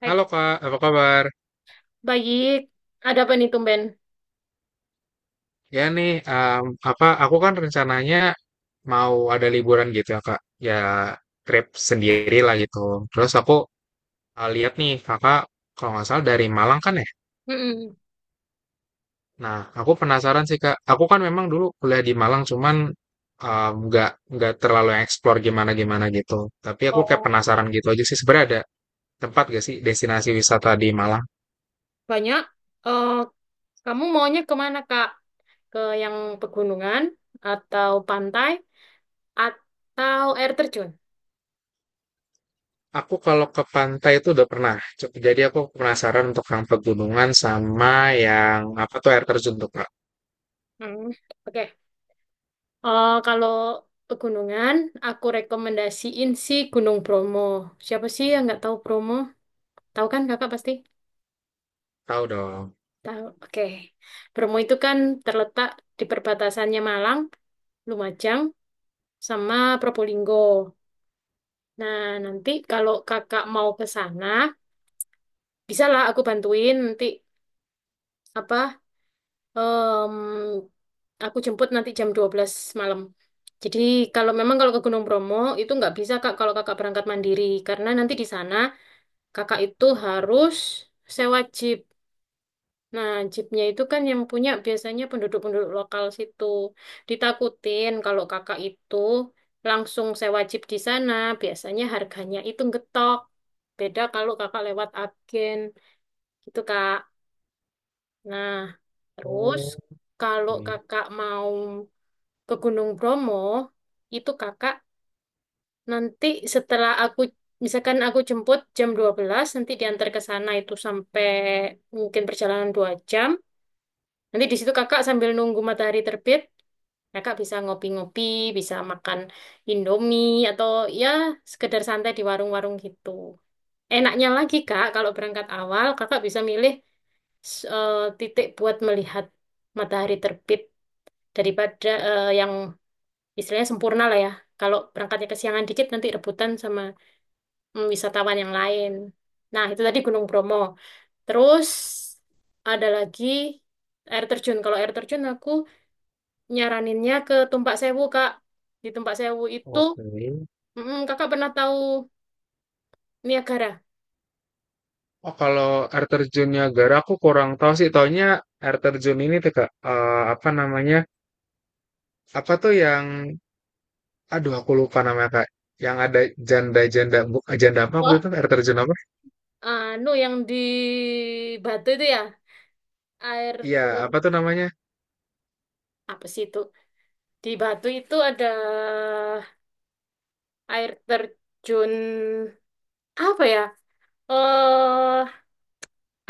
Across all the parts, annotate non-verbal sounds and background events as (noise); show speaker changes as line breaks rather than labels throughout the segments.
Baik,
Halo Kak, apa kabar?
baik. Ada apa nih tumben?
Ya nih, apa aku kan rencananya mau ada liburan gitu ya Kak. Ya trip sendiri lah gitu. Terus aku lihat nih Kakak kalau nggak salah dari Malang kan ya.
Mm-mm.
Nah, aku penasaran sih Kak. Aku kan memang dulu kuliah di Malang, cuman em, nggak nggak terlalu explore gimana gimana gitu. Tapi aku kayak
Oh,
penasaran gitu aja sih. Sebenarnya ada tempat gak sih destinasi wisata di Malang?
banyak. Eh, kamu maunya kemana, Kak? Ke yang pegunungan atau pantai atau air terjun?
Aku kalau ke pantai itu udah pernah. Jadi aku penasaran untuk yang pegunungan sama yang apa tuh air terjun tuh Kak.
Hmm. Oke. Eh, kalau pegunungan, aku rekomendasiin sih Gunung Bromo. Siapa sih yang nggak tahu Bromo? Tahu kan kakak pasti?
Tahu dong.
Tahu. Oke. Bromo itu kan terletak di perbatasannya Malang, Lumajang, sama Probolinggo. Nah, nanti kalau kakak mau ke sana, bisa lah aku bantuin nanti apa em, aku jemput nanti jam 12 malam. Jadi kalau memang kalau ke Gunung Bromo itu nggak bisa Kak kalau kakak berangkat mandiri karena nanti di sana kakak itu harus sewa jeep. Nah, jeepnya itu kan yang punya biasanya penduduk-penduduk lokal situ. Ditakutin kalau kakak itu langsung sewa jeep di sana, biasanya harganya itu ngetok. Beda kalau kakak lewat agen gitu, Kak. Nah, terus
Oh,
kalau
oke.
kakak mau ke Gunung Bromo, itu kakak nanti setelah aku misalkan aku jemput jam 12 nanti diantar ke sana itu sampai mungkin perjalanan 2 jam. Nanti di situ kakak sambil nunggu matahari terbit, kakak bisa ngopi-ngopi, bisa makan Indomie, atau ya sekedar santai di warung-warung gitu. Enaknya lagi kak, kalau berangkat awal kakak bisa milih titik buat melihat matahari terbit daripada yang istilahnya sempurna lah ya. Kalau berangkatnya kesiangan dikit nanti rebutan sama wisatawan yang lain. Nah, itu tadi Gunung Bromo. Terus ada lagi air terjun. Kalau air terjun aku nyaraninnya ke Tumpak Sewu, Kak. Di Tumpak Sewu itu,
Oke.
Kakak pernah tahu Niagara?
Oh, kalau air terjun Niagara aku kurang tahu sih. Taunya air terjun ini tuh Kak. Apa namanya? Apa tuh yang aduh aku lupa namanya Kak. Yang ada janda apa waktu
Wah,
itu air terjun apa?
anu yang di Batu itu ya, air
Iya,
ter
apa tuh namanya?
apa sih itu? Di Batu itu ada air terjun apa ya? Eh,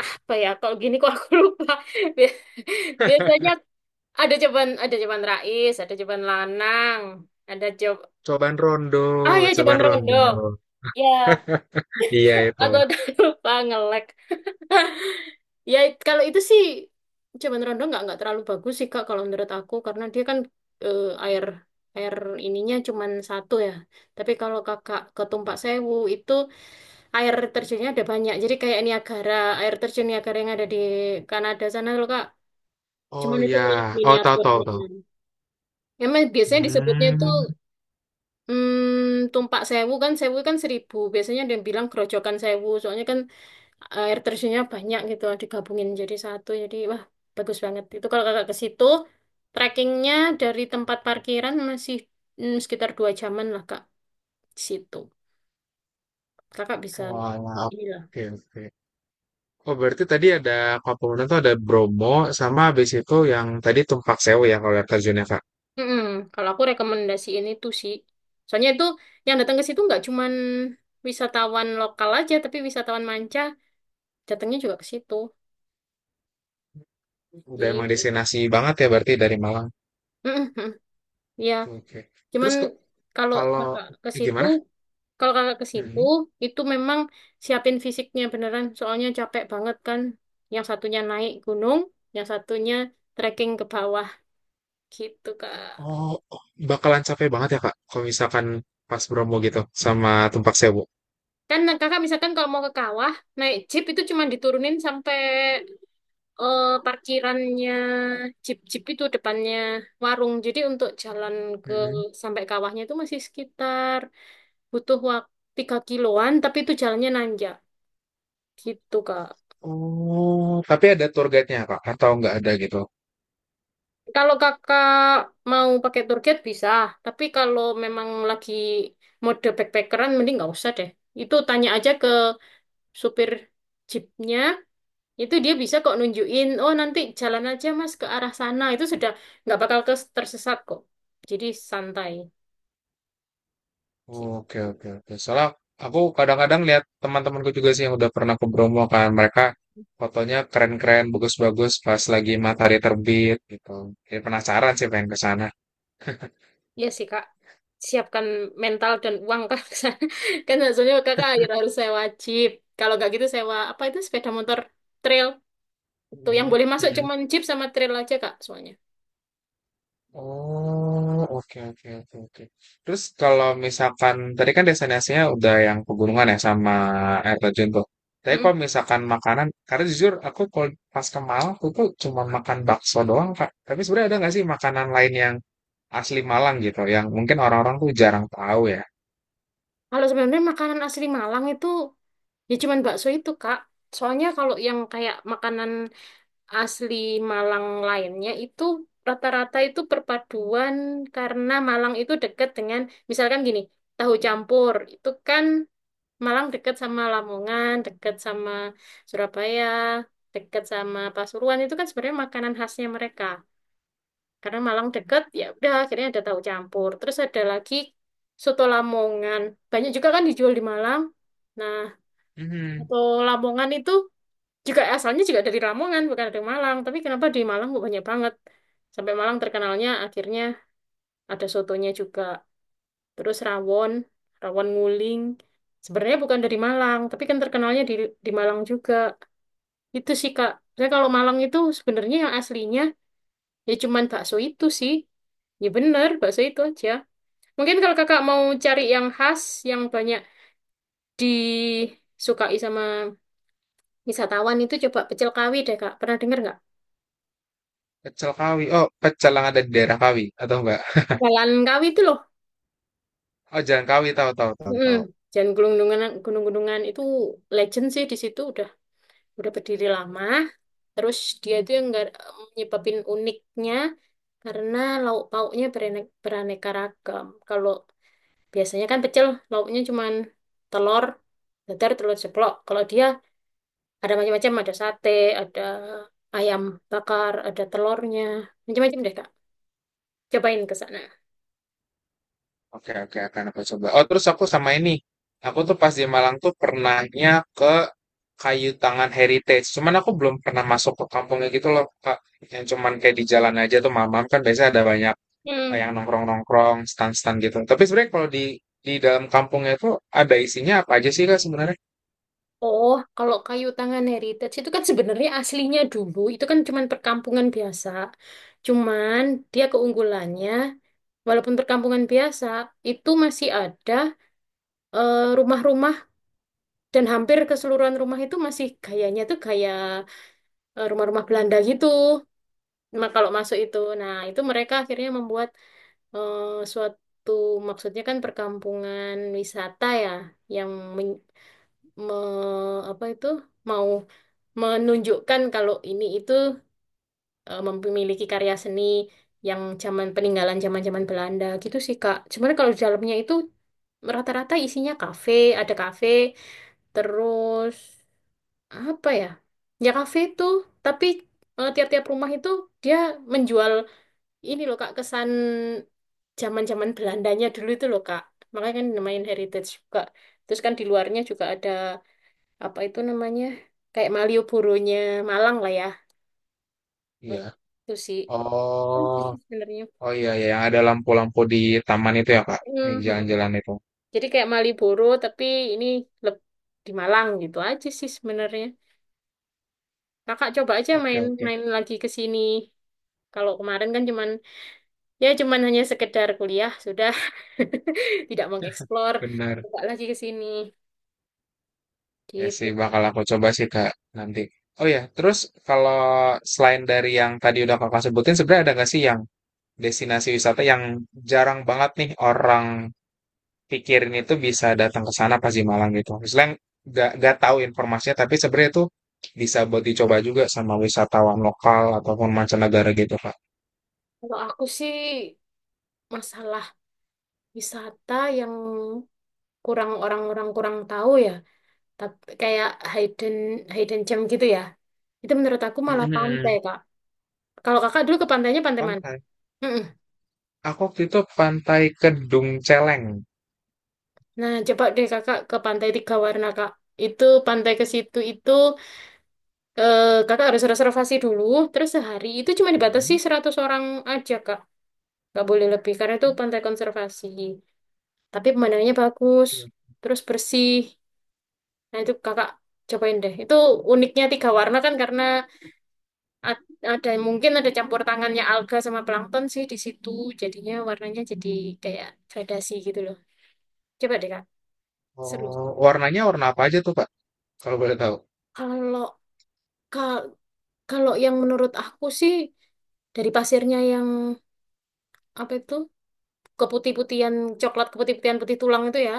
apa ya? Kalau gini kok aku lupa. (laughs) Bi- Biasanya ada Jeban Rais, ada Jeban Lanang, ada Jeb
Cobaan Rondo,
ah ya Jeban
Cobaan Rondo.
Rondo. Ya,
Iya
(laughs)
itu.
aku agak lupa ngelek. (laughs) Ya, kalau itu sih cuman Rondo nggak terlalu bagus sih Kak kalau menurut aku karena dia kan air air ininya cuman satu ya. Tapi kalau Kakak ke Tumpak Sewu itu air terjunnya ada banyak. Jadi kayak Niagara, air terjun Niagara yang ada di Kanada sana loh Kak.
Oh
Cuman itu
ya,
mi-
oh tahu tahu
miniaturnya.
tahu.
Emang biasanya disebutnya itu
Hmm,
Tumpak Sewu kan seribu. Biasanya ada yang bilang Grojogan Sewu. Soalnya kan air terjunnya banyak gitu digabungin jadi satu, jadi wah, bagus banget itu kalau kakak ke situ. Trekkingnya dari tempat parkiran masih sekitar 2 jaman lah kak, di situ kakak bisa
walah,
inilah.
oke oke. Oh berarti tadi ada Kapolda tuh ada Bromo sama habis itu yang tadi Tumpak Sewu ya kalau air terjunnya Kak.
Mm-mm. Kalau aku rekomendasi ini tuh sih soalnya itu yang datang ke situ nggak cuman wisatawan lokal aja tapi wisatawan manca datangnya juga ke situ
Udah emang
gitu.
destinasi banget ya berarti dari Malang.
Mm-mm. Ya,
Oke.
cuman
Terus kok
kalau
kalau
kakak ke situ,
gimana?
kalau kakak ke situ
Mm-mm.
itu memang siapin fisiknya beneran, soalnya capek banget kan. Yang satunya naik gunung, yang satunya trekking ke bawah gitu kak.
Oh, oh, bakalan capek banget ya Kak kalau misalkan pas Bromo gitu sama Tumpak Sewu.
Kan kakak misalkan kalau mau ke kawah, naik jeep itu cuma diturunin sampai parkirannya jeep-jeep itu depannya warung. Jadi untuk jalan ke
Mm-mm.
sampai kawahnya itu masih sekitar butuh waktu 3 kiloan, tapi itu jalannya nanjak gitu kak.
Oh, tapi ada tour guide-nya Kak atau nggak ada gitu?
Kalau kakak mau pakai tour guide bisa, tapi kalau memang lagi mode backpackeran mending nggak usah deh. Itu tanya aja ke supir jeepnya, itu dia bisa kok nunjukin, oh nanti jalan aja mas ke arah sana, itu sudah nggak bakal tersesat kok. Jadi santai.
Oke,
Gitu.
oke, oke. Soalnya aku kadang-kadang lihat teman-temanku juga sih yang udah pernah ke Bromo kan. Mereka fotonya keren-keren, bagus-bagus pas lagi matahari terbit gitu. Jadi penasaran sih pengen ke sana.
Iya sih kak, siapkan mental dan uang kak. (laughs) Kan maksudnya kakak akhir harus sewa jeep. Kalau nggak gitu sewa apa itu sepeda motor trail. Tuh yang
Mm-mm,
boleh masuk
mm-mm.
cuman jeep sama trail aja kak soalnya.
Oh, oke, oke, oke, oke. Terus kalau misalkan tadi kan destinasinya udah yang pegunungan ya sama air terjun tuh. Tapi kalau
Mm-mm.
misalkan makanan, karena jujur aku kalau pas ke Malang aku tuh cuma makan bakso doang, Kak. Tapi sebenarnya ada nggak sih makanan lain yang asli Malang gitu yang mungkin orang-orang tuh jarang tahu ya.
Kalau sebenarnya makanan asli Malang itu ya cuman bakso itu, Kak. Soalnya kalau yang kayak makanan asli Malang lainnya itu rata-rata itu perpaduan karena Malang itu dekat dengan, misalkan gini, tahu campur itu kan, Malang dekat sama Lamongan, dekat sama Surabaya, dekat sama Pasuruan, itu kan sebenarnya makanan khasnya mereka. Karena Malang deket ya udah akhirnya ada tahu campur, terus ada lagi soto Lamongan banyak juga kan dijual di Malang. Nah,
Hmm,
soto Lamongan itu juga asalnya juga dari Lamongan bukan dari Malang, tapi kenapa di Malang kok banyak banget sampai Malang terkenalnya akhirnya ada sotonya juga. Terus rawon, rawon nguling sebenarnya bukan dari Malang tapi kan terkenalnya di Malang juga. Itu sih Kak, saya kalau Malang itu sebenarnya yang aslinya ya cuman bakso itu sih, ya bener bakso itu aja. Mungkin kalau kakak mau cari yang khas, yang banyak disukai sama wisatawan, itu coba pecel Kawi deh kak. Pernah dengar nggak?
pecel Kawi. Oh, pecel yang ada di daerah Kawi atau enggak?
Jalan Kawi itu loh.
Oh, Jalan Kawi tahu tahu tahu
Mm.
tahu.
Jalan Gunung-Gunungan, Gunung-Gunungan itu legend sih, di situ udah berdiri lama. Terus dia itu yang nggak nyebabin uniknya karena lauk pauknya beraneka ragam. Kalau biasanya kan pecel lauknya cuman telur dadar, telur ceplok. Kalau dia ada macam-macam, ada sate, ada ayam bakar, ada telurnya, macam-macam deh, Kak. Cobain ke sana.
Oke oke akan aku coba. Oh, terus aku sama ini. Aku tuh pas di Malang tuh pernahnya ke Kayu Tangan Heritage. Cuman aku belum pernah masuk ke kampungnya gitu loh, Kak. Yang cuman kayak di jalan aja tuh mamam kan biasanya ada banyak
Hmm.
yang nongkrong-nongkrong, stand-stand gitu. Tapi sebenarnya kalau di dalam kampungnya itu ada isinya apa aja sih Kak sebenarnya?
Oh, kalau Kayu Tangan Heritage itu kan sebenarnya aslinya dulu itu kan cuman perkampungan biasa. Cuman dia keunggulannya, walaupun perkampungan biasa itu masih ada rumah-rumah dan hampir keseluruhan rumah itu masih gayanya tuh gaya rumah-rumah Belanda gitu. Kalau masuk itu. Nah, itu mereka akhirnya membuat suatu, maksudnya kan perkampungan wisata ya, yang men- apa itu, mau menunjukkan kalau ini itu memiliki karya seni yang zaman peninggalan zaman-zaman Belanda gitu sih Kak. Sebenarnya kalau di dalamnya itu rata-rata isinya kafe, ada kafe, terus apa ya? Ya kafe itu, tapi tiap-tiap rumah itu dia menjual, ini loh Kak, kesan zaman-zaman Belandanya dulu itu loh Kak. Makanya kan namain heritage juga. Terus kan di luarnya juga ada apa itu namanya? Kayak Malioboro-nya Malang lah ya.
Iya.
Itu sih. Oh, itu
Oh.
sih sebenarnya.
Oh iya, iya, yang ada lampu-lampu di taman itu ya, Kak? Yang
Mhm.
jalan-jalan itu.
Jadi kayak Malioboro tapi ini leb- di Malang gitu aja sih sebenarnya. Kakak coba aja
Oke, oke.
main-main lagi ke sini. Kalau kemarin kan cuman ya cuman hanya sekedar kuliah sudah, (laughs) tidak mengeksplor.
Benar.
Coba lagi ke sini
Ya
gitu
sih,
Kak.
bakal aku coba sih, Kak, nanti. Oh iya, terus kalau selain dari yang tadi udah Kakak sebutin, sebenarnya ada nggak sih yang destinasi wisata yang jarang banget nih orang pikirin itu bisa datang ke sana pas di Malang gitu? Misalnya nggak tahu informasinya, tapi sebenarnya itu bisa buat dicoba juga sama wisatawan lokal ataupun mancanegara gitu, Kak.
Kalau aku sih masalah wisata yang kurang, orang-orang kurang tahu ya, tapi kayak hidden hidden gem gitu ya, itu menurut aku malah pantai,
Mm-mm.
Kak. Kalau Kakak dulu ke pantainya pantai mana?
Pantai.
Mm-mm.
Aku waktu itu Pantai Kedung Celeng.
Nah, coba deh Kakak ke Pantai Tiga Warna, Kak. Itu pantai, ke situ itu Kakak harus reservasi dulu, terus sehari itu cuma dibatasi
Mhm.
100 orang aja, Kak. Nggak boleh lebih karena itu pantai konservasi. Tapi pemandangannya bagus,
Oke.
terus bersih. Nah, itu kakak cobain deh. Itu uniknya tiga warna kan karena ada mungkin ada campur tangannya alga sama plankton sih di situ. Jadinya warnanya jadi kayak gradasi gitu loh. Coba deh kak,
Oh,
seru.
warnanya warna apa aja tuh, Pak? Kalau boleh tahu.
Kalau ka- kalau yang menurut aku sih dari pasirnya yang apa itu keputih-putihan, coklat keputih-putihan, putih tulang itu ya.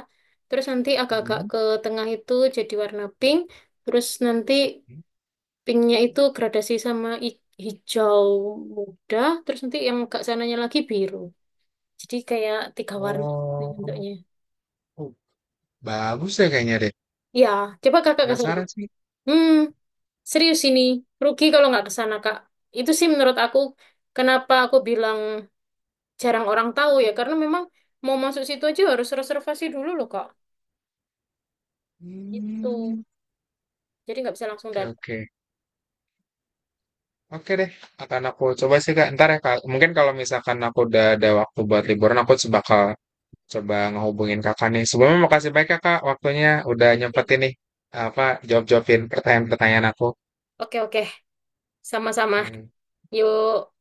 Terus nanti agak-agak
Mhm.
ke tengah itu jadi warna pink. Terus nanti
Mhm.
pinknya itu gradasi sama hijau muda, terus nanti yang agak sananya lagi biru. Jadi kayak tiga warna gitu
Oh,
bentuknya.
oh, bagus ya kayaknya deh.
Ya, coba kakak ke sana.
Penasaran sih.
Hmm, serius ini. Rugi kalau nggak ke sana, Kak. Itu sih menurut aku, kenapa aku bilang jarang orang tahu ya. Karena memang mau masuk situ aja harus reservasi dulu loh, Kak. Itu.
Hmm,
Jadi nggak bisa langsung
oke
datang.
oke. Oke deh, akan aku coba sih Kak. Ntar ya Kak. Mungkin kalau misalkan aku udah ada waktu buat liburan, bakal coba ngehubungin Kakak nih. Sebelumnya makasih banyak ya Kak, waktunya udah nyempetin nih apa jawab-jawabin pertanyaan-pertanyaan aku.
Oke, oke. Sama-sama.
Oke.
Yuk.